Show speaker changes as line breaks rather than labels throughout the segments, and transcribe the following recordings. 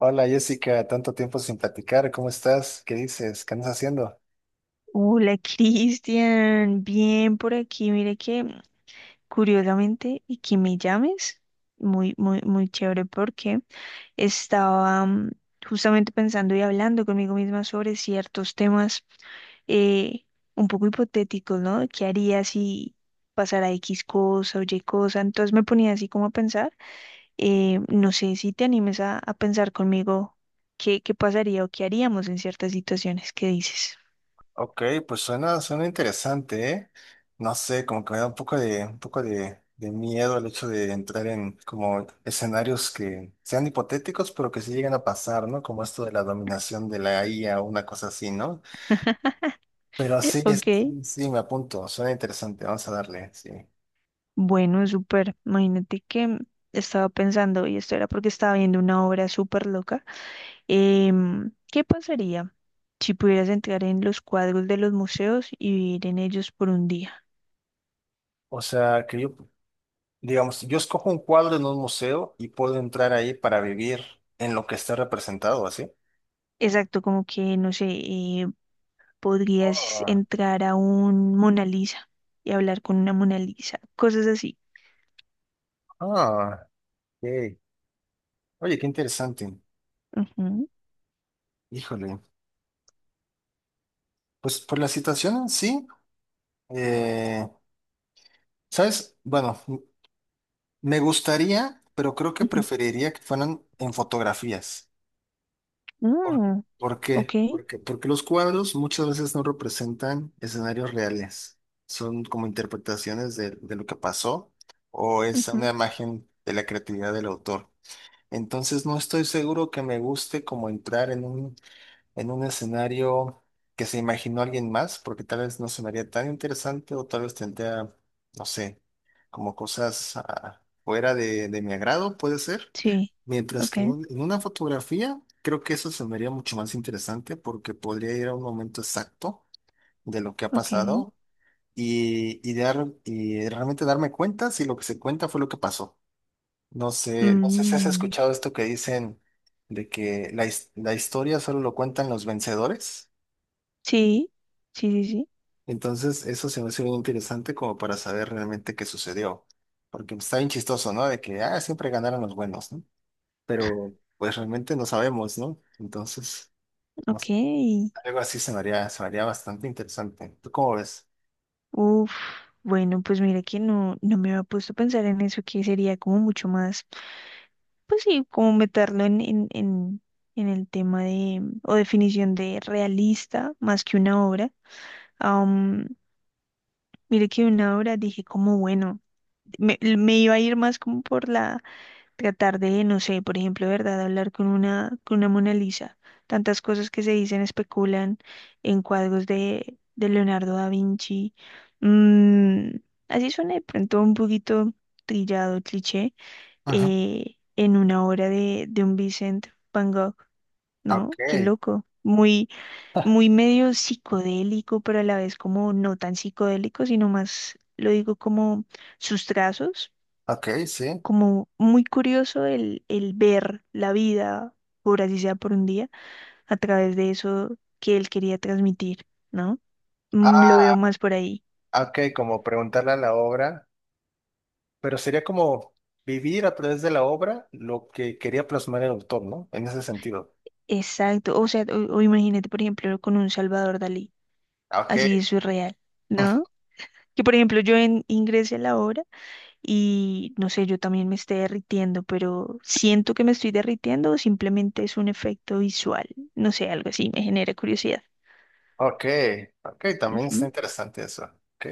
Hola Jessica, tanto tiempo sin platicar, ¿cómo estás? ¿Qué dices? ¿Qué andas haciendo?
Hola, Cristian, bien por aquí. Mire que curiosamente y que me llames, muy, muy, muy chévere porque estaba justamente pensando y hablando conmigo misma sobre ciertos temas eh, un poco hipotéticos, ¿no? ¿Qué haría si pasara X cosa o Y cosa? Entonces me ponía así como a pensar, no sé si te animes a pensar conmigo qué pasaría o qué haríamos en ciertas situaciones. ¿Qué dices?
Ok, pues suena interesante, ¿eh? No sé, como que me da un poco de miedo el hecho de entrar en como escenarios que sean hipotéticos, pero que sí lleguen a pasar, ¿no? Como esto de la dominación de la IA o una cosa así, ¿no? Pero sí,
Ok.
me apunto, suena interesante, vamos a darle, sí.
Bueno, súper. Imagínate que estaba pensando, y esto era porque estaba viendo una obra súper loca. ¿Qué pasaría si pudieras entrar en los cuadros de los museos y vivir en ellos por un día?
O sea, que yo, digamos, yo escojo un cuadro en un museo y puedo entrar ahí para vivir en lo que está representado, ¿así?
Exacto, como que, no sé, podrías
Ah,
entrar a un Mona Lisa y hablar con una Mona Lisa, cosas así.
ah, ok. Oye, qué interesante.
Ujú,
Híjole. Pues por la situación en sí, eh, ¿sabes? Bueno, me gustaría, pero creo que
ujú.
preferiría que fueran en fotografías. ¿Por,
Mm,
por
ok,
qué? Porque, porque los cuadros muchas veces no representan escenarios reales. Son como interpretaciones de lo que pasó o es
ujú,
una imagen de la creatividad del autor. Entonces no estoy seguro que me guste como entrar en un escenario que se imaginó alguien más, porque tal vez no sonaría tan interesante o tal vez tendría, no sé, como cosas ah, fuera de mi agrado, puede ser.
sí,
Mientras
ok,
que en una fotografía, creo que eso se me haría mucho más interesante porque podría ir a un momento exacto de lo que ha
ok.
pasado y realmente darme cuenta si lo que se cuenta fue lo que pasó. No sé, no sé si has
Mm,
escuchado esto que dicen de que la historia solo lo cuentan los vencedores.
sí, sí, sí, sí,
Entonces, eso se me hace bien interesante como para saber realmente qué sucedió. Porque está bien chistoso, ¿no? De que, ah, siempre ganaron los buenos, ¿no? Pero, pues realmente no sabemos, ¿no? Entonces, no sé,
ok.
algo así se me haría bastante interesante. ¿Tú cómo ves?
Uf, bueno, pues mira que no me había puesto a pensar en eso, que sería como mucho más, pues sí, como meterlo en el tema de, o definición de realista, más que una obra. Mire Mira que una obra dije como, bueno, me iba a ir más como por la tratar de, no sé, por ejemplo, ¿verdad? Hablar con una Mona Lisa. Tantas cosas que se dicen, especulan en cuadros de Leonardo da Vinci. Mm, Así suena de pronto un poquito trillado, cliché,
Ajá.
en una obra de un Vincent Van Gogh,
Ok,
¿no? Qué loco. Muy, muy medio psicodélico, pero a la vez como no tan psicodélico, sino más, lo digo como sus trazos
ok, sí.
como muy curioso el ver la vida, por así sea por un día, a través de eso que él quería transmitir, ¿no? Lo
Ah,
veo más por ahí.
ok, como preguntarle a la obra, pero sería como vivir a través de la obra lo que quería plasmar el autor, ¿no? En ese sentido.
Exacto. O sea, o imagínate, por ejemplo, con un Salvador Dalí,
Ok.
así es surreal, ¿no? Que por ejemplo yo ingrese a la obra y no sé, yo también me esté derritiendo, pero siento que me estoy derritiendo o simplemente es un efecto visual, no sé, algo así, me genera curiosidad.
Ok, ok, también está
Ujú.
interesante eso. Ok.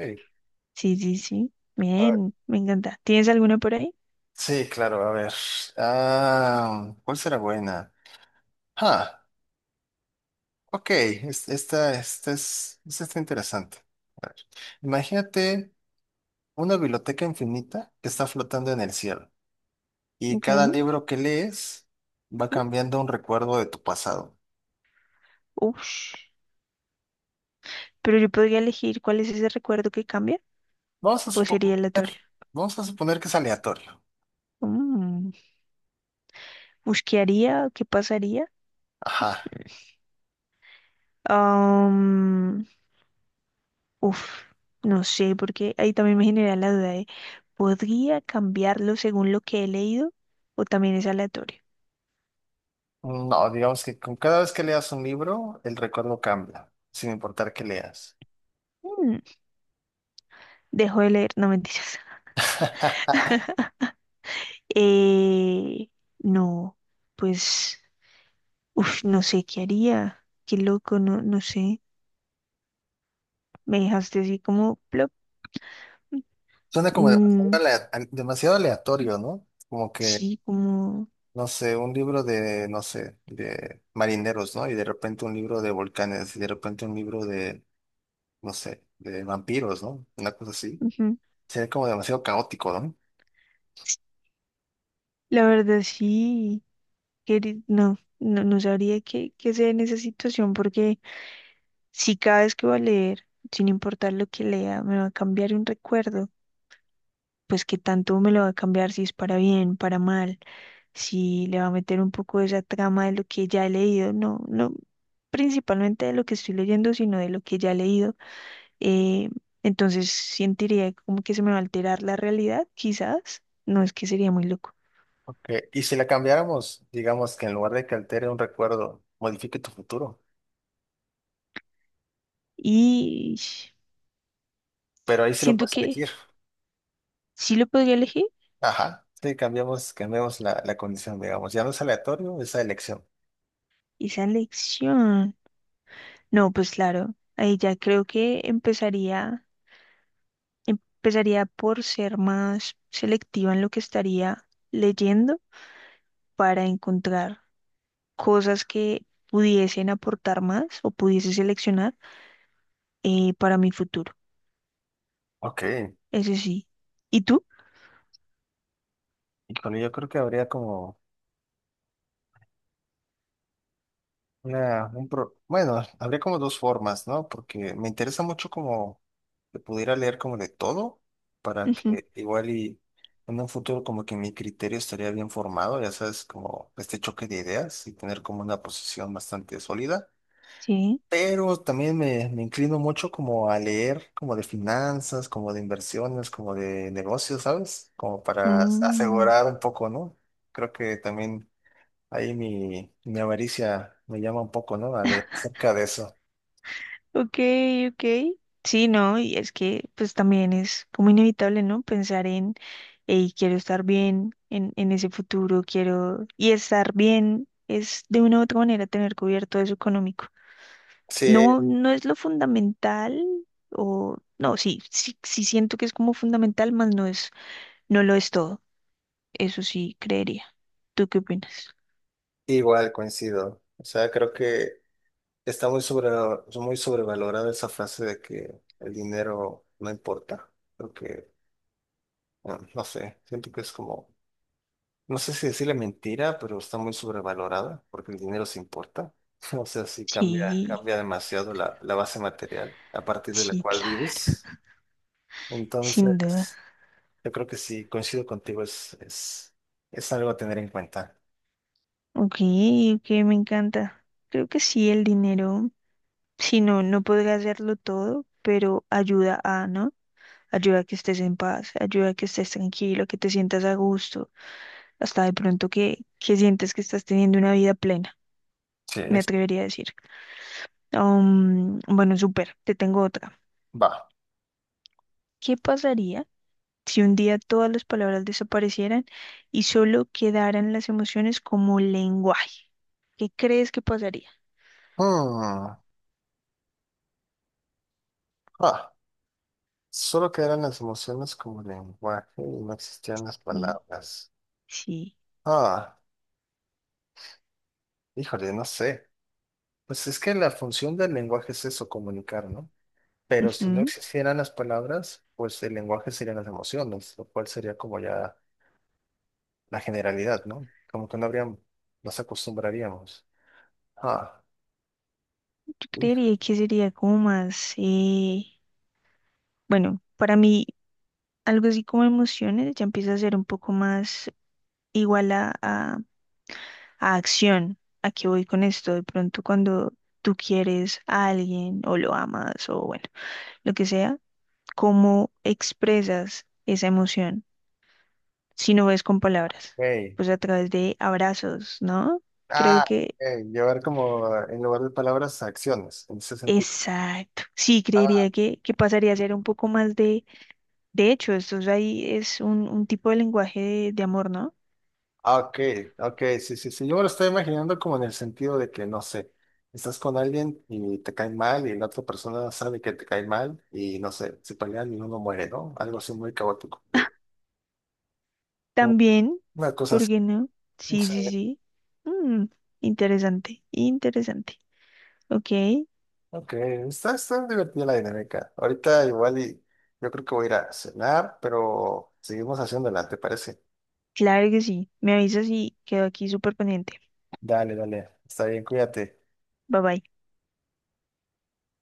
Sí, sí, sí.
A ver,
Bien, me encanta. ¿Tienes alguna por ahí?
sí, claro, a ver. Ah, ¿cuál será buena? Ah, ok, esta está interesante. Imagínate una biblioteca infinita que está flotando en el cielo y
Ok.
cada
Ujú.
libro que lees va cambiando un recuerdo de tu pasado.
Ush. Pero yo podría elegir cuál es ese recuerdo que cambia
Vamos a
o
suponer,
sería aleatorio.
vamos a suponer que es aleatorio.
Mm. Ush, ¿qué haría? ¿Qué pasaría?
Ajá.
Am, uf, no sé, porque ahí también me genera la duda de, ¿podría cambiarlo según lo que he leído o también es aleatorio?
No, digamos que con cada vez que leas un libro, el recuerdo cambia, sin importar qué leas.
Mm, Dejo de leer, no mentiras. Eh, no, pues, uf, no sé qué haría. Qué loco, no, no sé. Me dejaste así como plop.
Suena como demasiado,
Mm,
demasiado aleatorio, ¿no? Como que,
sí, como.
no sé, un libro de, no sé, de marineros, ¿no? Y de repente un libro de volcanes, y de repente un libro de, no sé, de vampiros, ¿no? Una cosa así.
Ujú.
Sería como demasiado caótico, ¿no?
La verdad, sí. No, no, no sabría qué hacer en esa situación porque si cada vez que voy a leer, sin importar lo que lea, me va a cambiar un recuerdo, pues qué tanto me lo va a cambiar si es para bien, para mal, si le va a meter un poco de esa trama de lo que ya he leído. No, no principalmente de lo que estoy leyendo, sino de lo que ya he leído, eh, entonces sentiría como que se me va a alterar la realidad, quizás. No, es que sería muy loco.
Ok, y si la cambiáramos, digamos que en lugar de que altere un recuerdo, modifique tu futuro,
Y
pero ahí sí lo
siento
puedes
que
elegir.
sí lo podría elegir.
Ajá, sí, cambiamos la condición, digamos, ya no es aleatorio, es la elección.
Esa elección. No, pues claro, ahí ya creo que empezaría por ser más selectiva en lo que estaría leyendo para encontrar cosas que pudiesen aportar más o pudiese seleccionar, para mi futuro.
Ok,
Ese sí. ¿Y tú?
y con ello creo que habría como... Una, Bueno, habría como dos formas, ¿no? Porque me interesa mucho como que pudiera leer como de todo, para
Ujú,
que igual y en un futuro como que mi criterio estaría bien formado, ya sabes, como este choque de ideas y tener como una posición bastante sólida.
sí.
Pero también me inclino mucho como a leer como de finanzas, como de inversiones, como de negocios, ¿sabes? Como para
Mm,
asegurar un poco, ¿no? Creo que también ahí mi avaricia me llama un poco, ¿no? Dale, acerca de eso.
ok, ok. Sí, no, y es que pues también es como inevitable, ¿no? Pensar en, hey, quiero estar bien en ese futuro, quiero... Y estar bien es de una u otra manera tener cubierto eso económico.
Sí,
No, no es lo fundamental, o... No, sí, sí, sí siento que es como fundamental, más no es, no lo es todo. Eso sí, creería. ¿Tú qué opinas?
igual coincido. O sea, creo que está muy sobre, muy sobrevalorada esa frase de que el dinero no importa. Creo que, bueno, no sé, siento que es como, no sé si decirle mentira, pero está muy sobrevalorada porque el dinero sí importa. O sea, sí cambia,
Sí,
cambia demasiado la base material a partir de la
sí,
cual
claro,
vives.
sin duda.
Entonces. Yo creo que sí, coincido contigo, es algo a tener en cuenta.
Ok, ok, me encanta. Creo que sí, el dinero, si no, no podrá hacerlo todo, pero ayuda a, ¿no? Ayuda a que estés en paz, ayuda a que estés tranquilo, que te sientas a gusto, hasta de pronto que, sientes que estás teniendo una vida plena,
Sí,
me
es-
atrevería a decir. Bueno, súper, te tengo otra.
va.
¿Qué pasaría si un día todas las palabras desaparecieran y solo quedaran las emociones como lenguaje? ¿Qué crees que pasaría?
Mm, ah, solo quedaron las emociones como lenguaje y no existían las
Y-
palabras.
Sí.
Ah, híjole, no sé. Pues es que la función del lenguaje es eso, comunicar, ¿no? Pero si no
Ujú.
existieran las palabras, pues el lenguaje serían las emociones, lo cual sería como ya la generalidad, ¿no? Como que no habríamos nos acostumbraríamos. Ah,
Yo creería que sería como más, bueno, para mí algo así como emociones ya empieza a ser un poco más igual a acción. ¿A qué voy con esto? De pronto cuando tú quieres a alguien o lo amas o bueno, lo que sea, ¿cómo expresas esa emoción si no es con palabras?
híjole.
Pues a través de abrazos, ¿no? Creo
Ah,
que...
ok, llevar como en lugar de palabras acciones, en ese sentido.
Exacto. Sí,
Ah,
creería que pasaría a ser un poco más. De hecho, esto es, ahí es un tipo de lenguaje de amor, ¿no?
ah, ok, ok, sí, sí, sí. Yo me lo estoy imaginando como en el sentido de que, no sé, estás con alguien y te cae mal y la otra persona sabe que te cae mal y, no sé, se pelean y uno muere, ¿no? Algo así muy caótico. De- o
También,
una cosa
¿por
así.
qué no? Sí,
Sí,
sí, sí. Mm, interesante, interesante. Ok,
ok, está, está divertida la dinámica. Ahorita igual y yo creo que voy a ir a cenar, pero seguimos haciéndola, ¿te parece?
claro que sí. Me avisas y quedo aquí súper pendiente.
Dale, dale, está bien, cuídate.
Bye bye.